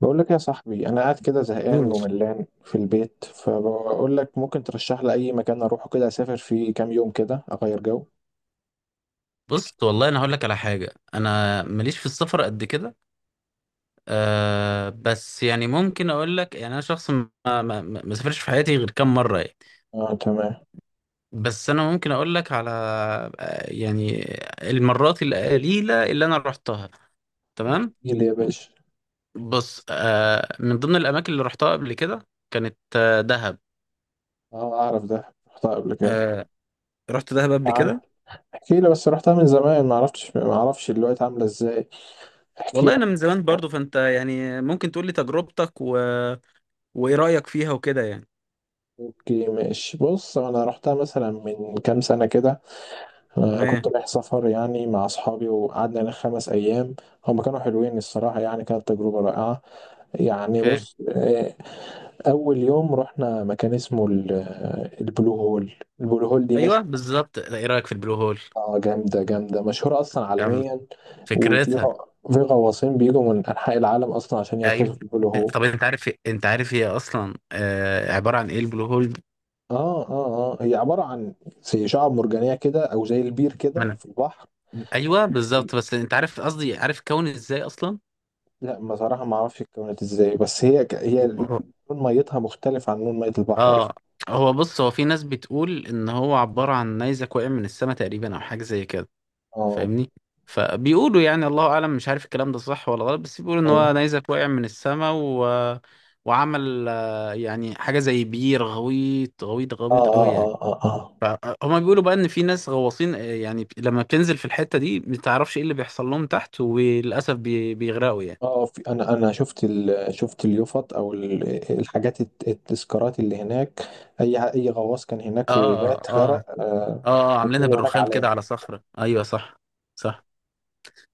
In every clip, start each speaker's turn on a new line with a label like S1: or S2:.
S1: بقول لك يا صاحبي، انا قاعد كده زهقان
S2: مم.
S1: وملان في البيت، فبقول لك ممكن ترشح لي اي مكان اروحه كده اسافر فيه كام يوم كده اغير جو.
S2: بص والله انا هقول لك على حاجه، انا ماليش في السفر قد كده. أه بس يعني ممكن اقول لك، يعني انا شخص ما سافرش في حياتي غير كام مره يعني.
S1: اه، تمام.
S2: بس انا ممكن اقول لك على يعني المرات القليله اللي انا رحتها. تمام.
S1: احكي لي يا باشا.
S2: بص، أه من ضمن الاماكن اللي رحتها قبل كده كانت دهب.
S1: اه، اعرف ده، رحتها قبل كده.
S2: أه رحت دهب
S1: احكي
S2: قبل
S1: لي عنها.
S2: كده.
S1: احكي لي، بس رحتها من زمان، ما عرفتش ما اعرفش دلوقتي عامله ازاي. احكي
S2: والله
S1: لي.
S2: انا من زمان برضو، فانت يعني ممكن تقول لي تجربتك وايه رايك فيها وكده يعني.
S1: اوكي، ماشي، بص، انا رحتها مثلا من كام سنه كده. كنت
S2: تمام
S1: رايح سفر يعني مع اصحابي، وقعدنا هناك خمس ايام. هم كانوا حلوين الصراحه، يعني كانت تجربه رائعه. يعني بص. اول يوم رحنا مكان اسمه البلو هول. البلو هول دي
S2: ايوه
S1: مشهوره.
S2: بالظبط، ايه رايك في البلو هول؟
S1: جامده جامده، مشهوره اصلا
S2: جامد،
S1: عالميا. وفي
S2: فكرتها.
S1: غ- في غواصين بيجوا من انحاء العالم اصلا عشان يغطسوا
S2: ايوه
S1: في البلو هول.
S2: طب انت عارف هي اصلا آه عباره عن ايه البلو هول؟
S1: اه هي عباره عن زي شعاب مرجانيه كده، او زي البير
S2: ما
S1: كده في البحر.
S2: ايوه بالظبط، بس انت عارف قصدي، عارف كون ازاي اصلا.
S1: لا بصراحه ما اعرفش اتكونت ازاي، بس هي لون ميتها مختلف عن لون ميه البحر اصلا.
S2: اه هو بص، هو في ناس بتقول ان هو عباره عن نيزك وقع من السماء تقريبا او حاجه زي كده.
S1: اه،
S2: فاهمني؟ فبيقولوا يعني الله اعلم، مش عارف الكلام ده صح ولا غلط، بس بيقولوا ان هو
S1: ايوه،
S2: نيزك وقع من السماء وعمل يعني حاجه زي بير غويط غويط
S1: اه
S2: غويط
S1: اه
S2: قوي يعني.
S1: اه اه، آه.
S2: فهم بيقولوا بقى ان في ناس غواصين، يعني لما بتنزل في الحتة دي ما تعرفش ايه اللي بيحصل لهم تحت، وللاسف بيغرقوا يعني.
S1: اه، في انا شفت شفت اليوفط او الحاجات التذكارات اللي هناك. اي غواص كان هناك
S2: اه
S1: ومات
S2: اه اه
S1: غرق، آه.
S2: اه عاملينها
S1: وكل هناك
S2: بالرخام كده على
S1: علامه.
S2: صخرة، ايوه صح. صح.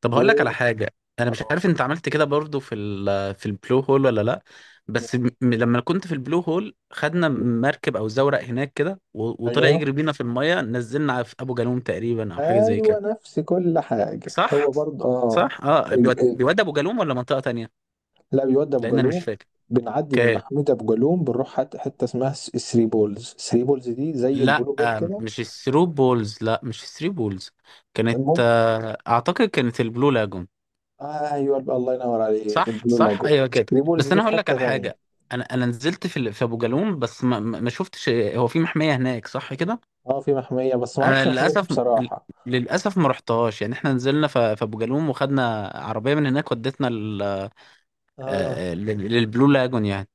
S2: طب هقول لك على
S1: و
S2: حاجة، انا مش
S1: آه.
S2: عارف انت عملت كده برضو في في البلو هول ولا لا. بس لما كنت في البلو هول خدنا مركب او زورق هناك كده وطلع
S1: ايوه،
S2: يجري بينا في المية، نزلنا في ابو جالوم تقريبا او حاجة زي
S1: ايوه،
S2: كده.
S1: نفس كل حاجه
S2: صح.
S1: هو برضه، اه.
S2: صح اه،
S1: ال...
S2: بيود
S1: ال...
S2: بيود ابو جالوم ولا منطقة تانية؟
S1: لا، بيودي ابو
S2: لان انا مش
S1: جالوم.
S2: فاكر.
S1: بنعدي من
S2: اوكي.
S1: محمود ابو جالوم بنروح حته اسمها ثري بولز، ثري بولز دي زي
S2: لا
S1: البلو بول كده.
S2: مش الثرو بولز، لا مش الثري بولز. كانت
S1: المهم،
S2: اعتقد كانت البلو لاجون.
S1: ايوه الله ينور عليك،
S2: صح
S1: البلو
S2: صح
S1: لاجو.
S2: ايوه كده.
S1: ثري بولز
S2: بس
S1: دي
S2: انا
S1: في
S2: هقول لك
S1: حته
S2: على
S1: تانيه.
S2: حاجه، انا نزلت في في ابو جالوم بس ما شفتش، هو في محميه هناك صح كده؟
S1: اه، في محمية، بس ما
S2: انا
S1: اعرفش محمية إيه
S2: للاسف،
S1: بصراحة.
S2: للاسف ما رحتهاش يعني، احنا نزلنا في ابو جالوم وخدنا عربيه من هناك ودتنا لل- آه،
S1: اه،
S2: آه، لل- للبلو لاجون يعني.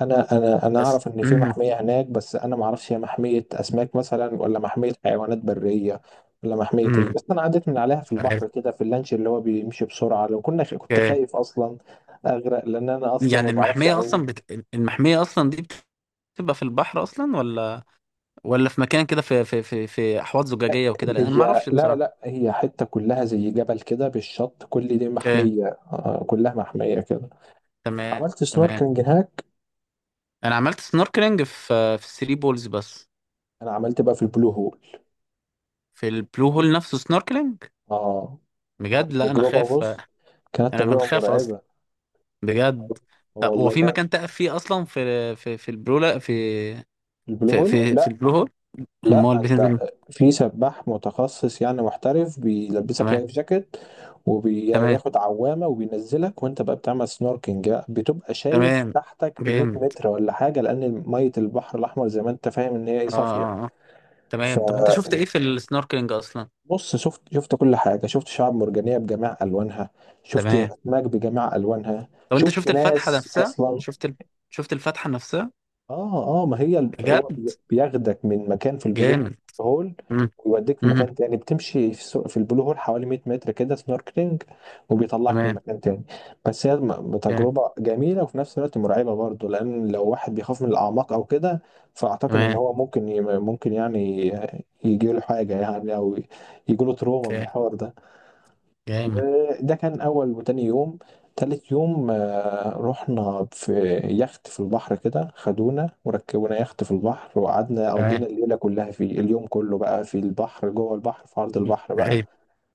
S1: انا
S2: بس
S1: اعرف ان في
S2: مم،
S1: محمية هناك، بس انا ما اعرفش هي محمية اسماك مثلا، ولا محمية حيوانات برية. ولا محمية ايه،
S2: مم،
S1: بس انا عديت من عليها في
S2: مش عارف.
S1: البحر كده في اللانش اللي هو بيمشي بسرعة، لو كنت خايف اصلا اغرق، لان انا اصلا ما
S2: يعني
S1: بعرفش
S2: المحمية
S1: اعوم.
S2: أصلا المحمية أصلا دي بتبقى في البحر أصلا ولا، ولا في مكان كده في في أحواض زجاجية وكده؟ لأن أنا ما
S1: هي،
S2: أعرفش
S1: لا
S2: بصراحة.
S1: لا، هي حتة كلها زي جبل كده بالشط، كل دي
S2: أوكي.
S1: محمية. آه، كلها محمية كده.
S2: تمام.
S1: عملت
S2: تمام،
S1: سنوركلينج هناك.
S2: أنا عملت سنوركلينج في في الثري بولز بس.
S1: انا عملت بقى في البلو هول.
S2: في البلو هول نفسه سنوركلينج؟
S1: اه.
S2: بجد؟ لا أنا
S1: تجربة،
S2: خاف،
S1: بص. كانت
S2: أنا
S1: تجربة
S2: بنخاف أصلا،
S1: مرعبة.
S2: بجد. طب هو
S1: والله
S2: في
S1: كانت.
S2: مكان تقف فيه أصلا في، في
S1: البلو هول،
S2: في
S1: لا.
S2: البلو هول؟
S1: لا،
S2: أمال
S1: انت.
S2: بتنزل.
S1: في سباح متخصص يعني، محترف بيلبسك
S2: تمام.
S1: لايف جاكيت.
S2: تمام.
S1: وبياخد عوامة وبينزلك، وانت بقى بتعمل سنوركينج بقى، بتبقى شايف
S2: تمام.
S1: تحتك ب 100
S2: جامد.
S1: متر ولا حاجة، لأن مية البحر الأحمر زي ما انت فاهم ان هي ايه،
S2: اه
S1: صافية.
S2: اه آه. تمام طب انت شفت
S1: فبص.
S2: ايه في السنوركلينج اصلا؟
S1: شفت كل حاجة، شفت شعاب مرجانية بجميع ألوانها. شفت
S2: تمام
S1: أسماك بجميع ألوانها،
S2: طب انت
S1: شفت
S2: شفت الفتحه
S1: ناس
S2: نفسها؟
S1: أصلا.
S2: شفت شفت الفتحه نفسها؟
S1: اه ما هي
S2: بجد؟
S1: هو بياخدك من مكان في البلو
S2: جامد.
S1: هول.
S2: مم.
S1: ويوديك في
S2: مم.
S1: مكان تاني، بتمشي في البلو هول حوالي 100 متر كده سنوركلينج. وبيطلعك من
S2: تمام.
S1: مكان تاني. بس
S2: جامد.
S1: تجربة جميلة، وفي نفس الوقت مرعبة برضه، لأن لو واحد بيخاف من الأعماق أو كده. فأعتقد إن
S2: تمام.
S1: هو ممكن يعني. يجيله حاجة يعني، أو. يجيله تروما من
S2: اوكي.
S1: الحوار ده.
S2: جامد.
S1: ده كان أول وتاني يوم. تالت يوم رحنا في يخت في البحر كده، خدونا وركبونا يخت في البحر، وقعدنا
S2: تمام.
S1: قضينا الليلة كلها فيه، اليوم كله بقى في البحر جوه البحر في عرض البحر بقى.
S2: ايه.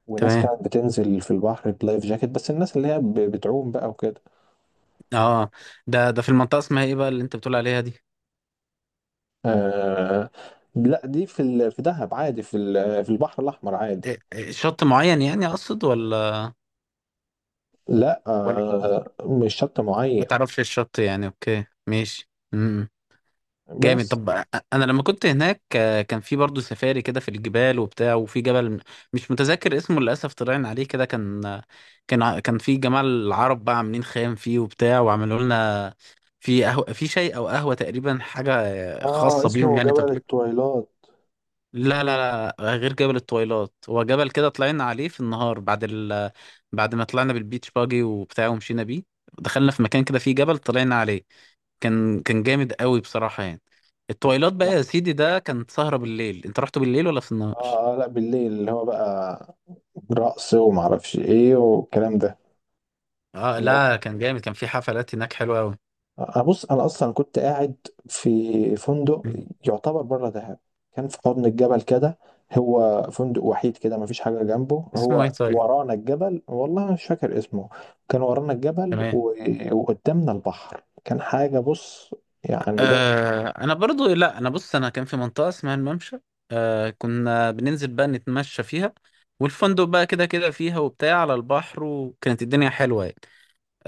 S1: وناس
S2: تمام.
S1: كانت بتنزل في البحر بلايف جاكيت، بس الناس اللي هي بتعوم بقى وكده.
S2: اه، ده في المنطقه اسمها ايه بقى اللي انت بتقول عليها دي؟
S1: آه لا، دي في دهب عادي، في البحر الأحمر عادي.
S2: إيه- إيه، شط معين يعني اقصد ولا،
S1: لا،
S2: ولا
S1: مش شط
S2: ما
S1: معين.
S2: تعرفش الشط يعني؟ اوكي ماشي. مم. جامد.
S1: بس،
S2: طب انا لما كنت هناك كان في برضه سفاري كده في الجبال وبتاع، وفي جبل مش متذكر اسمه للاسف طلعنا عليه كده، كان كان في جماعه العرب بقى عاملين خيام فيه وبتاع، وعملوا لنا في قهوه في شاي او قهوه تقريبا، حاجه
S1: اه
S2: خاصه بيهم
S1: اسمه
S2: يعني
S1: جبل
S2: تقليد.
S1: التويلات.
S2: لا لا لا غير جبل الطويلات، هو جبل كده طلعنا عليه في النهار بعد بعد ما طلعنا بالبيتش باجي وبتاع ومشينا بيه، دخلنا في مكان كده فيه جبل طلعنا عليه، كان جامد قوي بصراحة يعني. التويلات بقى يا سيدي، ده كانت سهرة بالليل، انت رحت بالليل ولا في النهار؟
S1: اه لا، بالليل اللي هو بقى رقص ومعرفش ايه والكلام ده.
S2: اه
S1: انا رحت.
S2: لا كان جامد، كان في حفلات هناك حلوة قوي.
S1: انا، بص، انا اصلا كنت قاعد في فندق، يعتبر بره دهب. كان في حضن الجبل كده. هو فندق وحيد كده، مفيش حاجه جنبه،
S2: اسمه ايه
S1: هو
S2: طيب؟
S1: ورانا الجبل، والله مش فاكر اسمه. كان ورانا الجبل
S2: تمام.
S1: و... وقدامنا البحر، كان حاجه، بص. يعني باشا.
S2: آه انا برضو، لا انا بص، انا كان في منطقة اسمها الممشى، آه كنا بننزل بقى نتمشى فيها، والفندق بقى كده كده فيها وبتاع على البحر، وكانت الدنيا حلوة يعني.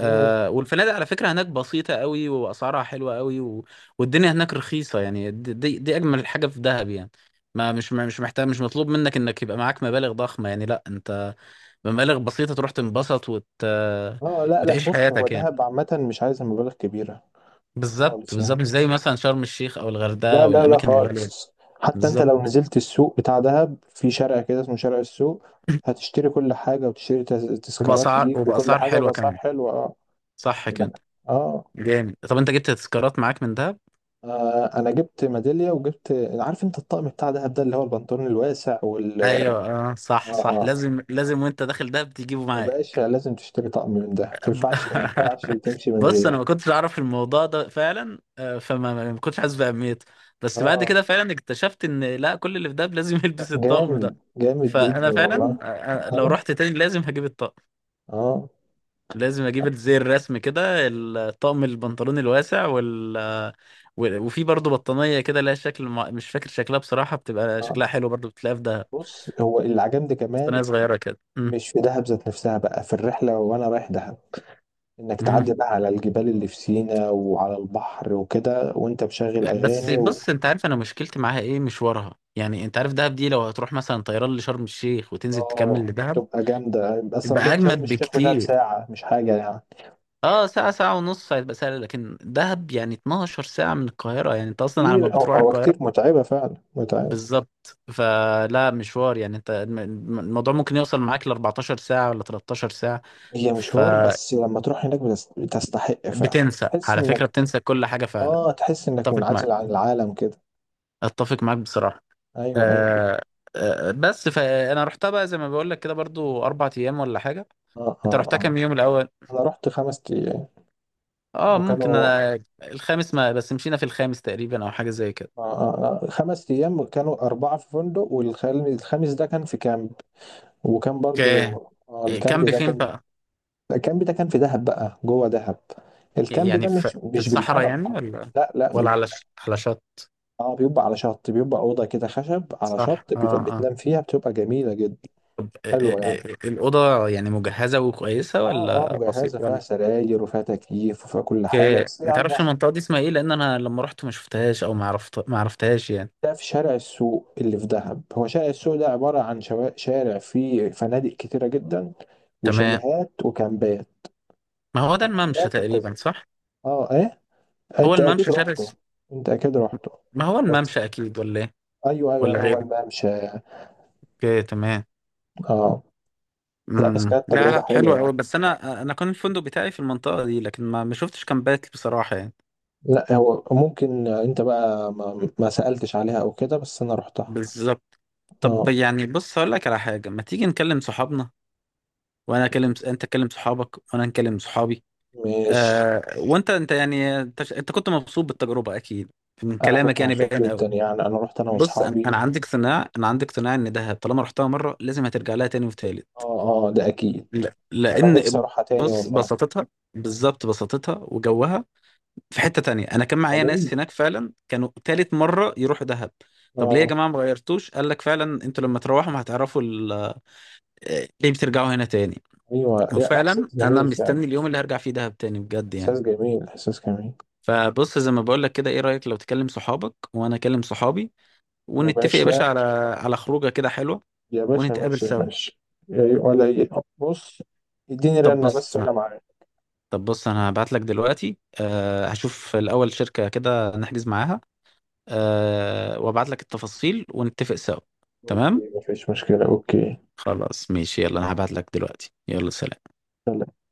S1: مم.
S2: والفنادق على فكرة هناك بسيطة قوي وأسعارها حلوة قوي والدنيا هناك رخيصة يعني. دي أجمل حاجة في دهب يعني. ما مش محتاج، مش مطلوب منك إنك يبقى معاك مبالغ ضخمة يعني، لا أنت بمبالغ بسيطة تروح تنبسط
S1: اه، لا لا،
S2: وتعيش
S1: بص، هو
S2: حياتك يعني.
S1: دهب عامه مش عايزه مبالغ كبيره
S2: بالظبط
S1: خالص يعني.
S2: بالظبط، مش زي مثلا شرم الشيخ أو الغردقة
S1: لا
S2: أو
S1: لا لا،
S2: الأماكن الغالية.
S1: خالص. حتى انت لو
S2: بالظبط.
S1: نزلت السوق بتاع دهب في شارع كده اسمه شارع السوق، هتشتري كل حاجة وتشتري تذكارات
S2: وبأسعار
S1: ليك وكل
S2: وبأسعار
S1: حاجة
S2: حلوة
S1: وبأسعار
S2: كمان.
S1: حلوة، اه.
S2: صح
S1: يعني،
S2: كده.
S1: اه.
S2: جامد. طب أنت جبت تذكارات معاك من دهب؟
S1: انا جبت ميدالية، وجبت. عارف انت الطقم بتاع دهب ده اللي هو البنطلون الواسع وال اه
S2: ايوه اه صح،
S1: اه،
S2: لازم وانت داخل دهب تجيبه
S1: يا باشا
S2: معاك.
S1: لازم تشتري طقم من ده، ما تنفعش ما ينفعش تمشي من
S2: بص انا
S1: غيره.
S2: ما كنتش اعرف الموضوع ده فعلا، آه، فما ما ما كنتش حاسس باهميته، بس بعد
S1: اه،
S2: كده فعلا اكتشفت ان لا كل اللي في دهب لازم يلبس الطقم ده.
S1: جامد جامد
S2: فانا
S1: جدا والله.
S2: فعلا، لو
S1: اه،
S2: رحت تاني لازم هجيب الطقم،
S1: اه،
S2: لازم اجيب زي الرسم كده الطقم، البنطلون الواسع وفي برضه بطانيه كده لها شكل مش فاكر شكلها بصراحه، بتبقى
S1: آه.
S2: شكلها حلو برضه بتلاقيها في دهب،
S1: بص، هو اللي عجبني كمان،
S2: بطانيه صغيره كده.
S1: مش في دهب ذات نفسها، بقى في الرحلة وأنا رايح دهب، إنك
S2: مم.
S1: تعدي بقى على الجبال اللي في سينا وعلى البحر وكده، وأنت مشغل
S2: بس
S1: أغاني.
S2: بص، انت عارف انا مشكلتي معاها ايه؟ مشوارها يعني. انت عارف دهب دي لو هتروح مثلا طيران لشرم الشيخ وتنزل تكمل
S1: آه
S2: لدهب
S1: تبقى جامدة أصلا،
S2: تبقى
S1: بين شرم
S2: اجمد
S1: الشيخ ودهب
S2: بكتير.
S1: ساعة، مش حاجة يعني.
S2: اه ساعة ساعة ونص هيبقى سهل، لكن دهب يعني 12 ساعة من القاهرة، يعني انت اصلا على ما
S1: كتير، هو
S2: بتروح
S1: هو كتير،
S2: القاهرة.
S1: متعبة فعلا متعبة.
S2: بالظبط، فلا مشوار يعني، انت الموضوع ممكن يوصل معاك ل 14 ساعة ولا 13 ساعة.
S1: هي مشوار،
S2: فبتنسى،
S1: بس لما تروح هناك بتستحق فعلا، تحس
S2: على فكرة
S1: إنك.
S2: بتنسى كل حاجة فعلا.
S1: تحس إنك
S2: اتفق
S1: منعزل
S2: معاك،
S1: عن العالم كده.
S2: اتفق معاك بصراحة.
S1: أيوه، أيوه.
S2: آه. آه بس، فانا رحتها بقى زي ما بقول لك كده برضو اربع ايام ولا حاجه.
S1: آه، آه،
S2: انت رحتها
S1: آه.
S2: كام يوم الاول؟
S1: أنا رحت خمس أيام.
S2: اه ممكن
S1: وكانوا.
S2: انا الخامس ما بس مشينا في الخامس تقريبا او حاجه زي كده.
S1: خمس أيام كانوا أربعة في فندق، والخامس ده كان في كامب. وكان برضو.
S2: اوكي. إيه،
S1: الكامب
S2: كامب
S1: ده
S2: فين
S1: كان.
S2: بقى؟
S1: الكامب ده كان في دهب بقى، جوه دهب. الكامب ده
S2: يعني في
S1: مش
S2: في
S1: مش
S2: الصحراء
S1: بالمعنى
S2: يعني،
S1: الحرفي،
S2: ولا،
S1: لا لا، مش.
S2: ولا على على شط؟
S1: اه، بيبقى على شط، بيبقى أوضة كده خشب على شط
S2: صح اه اه.
S1: بتنام فيها، بتبقى جميلة جدا
S2: طب إيه- إيه-
S1: حلوة يعني.
S2: إيه، الاوضه يعني مجهزه وكويسه
S1: اه
S2: ولا بسيط
S1: مجهزة، فيها
S2: ولا؟
S1: سراير وفيها تكييف وفيها كل حاجة،
S2: اوكي،
S1: بس هي
S2: ما
S1: على
S2: تعرفش
S1: البحر.
S2: المنطقه دي اسمها ايه؟ لان انا لما رحت ما شفتهاش، او ما عرفت ما عرفتهاش يعني.
S1: ده في شارع السوق اللي في دهب، هو شارع السوق ده عبارة عن شارع فيه فنادق كتيرة جدا،
S2: تمام.
S1: وشاليهات وكامبات.
S2: ما هو ده الممشى
S1: كامبات
S2: تقريبا
S1: التزويق.
S2: صح؟
S1: اه، ايه.
S2: هو
S1: انت اكيد
S2: الممشى شارع
S1: رحته. انت اكيد رحته.
S2: ما هو
S1: بس،
S2: الممشى اكيد ولا ايه،
S1: ايوه ايوه
S2: ولا
S1: أيوه، هو
S2: غيره؟
S1: الممشى.
S2: اوكي تمام.
S1: اه، لا، بس
S2: امم،
S1: كانت
S2: لا
S1: تجربة
S2: لا حلو
S1: حلوة
S2: قوي،
S1: يعني.
S2: بس انا كان الفندق بتاعي في المنطقه دي لكن ما شفتش كامبات بصراحه يعني.
S1: لا، هو ممكن انت بقى ما سألتش عليها او كده، بس انا رحتها.
S2: بالظبط. طب
S1: اه،
S2: يعني بص هقول لك على حاجه، ما تيجي نكلم صحابنا، وانا اكلم انت تكلم صحابك وانا نكلم صحابي.
S1: مش.
S2: آه وانت انت يعني انت, ش- انت كنت مبسوط بالتجربه اكيد، من
S1: انا
S2: كلامك
S1: كنت
S2: يعني
S1: مبسوط
S2: باين قوي.
S1: جدا يعني، انا رحت انا
S2: بص انا
S1: واصحابي.
S2: أنا عندي اقتناع، عندي اقتناع ان دهب طالما رحتها مره لازم هترجع لها تاني وتالت.
S1: اه، اه، ده اكيد. انا نفسي
S2: لان
S1: اروحها تاني
S2: بص
S1: والله.
S2: بساطتها، بالظبط بساطتها وجوها. في حتة تانية، انا كان معايا
S1: جميل.
S2: ناس هناك فعلا كانوا تالت مرة يروحوا دهب. طب ليه يا
S1: اه.
S2: جماعة ما غيرتوش؟ قال لك فعلا انتوا لما تروحوا هتعرفوا ليه بترجعوا هنا تاني.
S1: ايوه، لا
S2: وفعلا
S1: احساس
S2: انا
S1: جميل فعلا.
S2: مستني اليوم اللي هرجع فيه دهب تاني بجد
S1: احساس
S2: يعني.
S1: جميل، احساس جميل.
S2: فبص زي ما بقول لك كده، ايه رأيك لو تكلم صحابك وانا اكلم صحابي،
S1: يا
S2: ونتفق يا باشا
S1: باشا.
S2: على، على خروجه كده حلوة،
S1: يا باشا،
S2: ونتقابل
S1: ماشي يا
S2: سوا.
S1: باشا. إيه ولا إيه. بص، اديني
S2: طب
S1: رنة
S2: بص
S1: بس وانا معاك.
S2: طب بص انا هبعت لك دلوقتي أه، هشوف الاول شركة كده نحجز معاها، أه وابعت لك التفاصيل ونتفق سوا. تمام.
S1: اوكي، مفيش مشكلة، اوكي.
S2: خلاص ماشي، يلا انا هبعت لك دلوقتي، يلا سلام.
S1: يلا.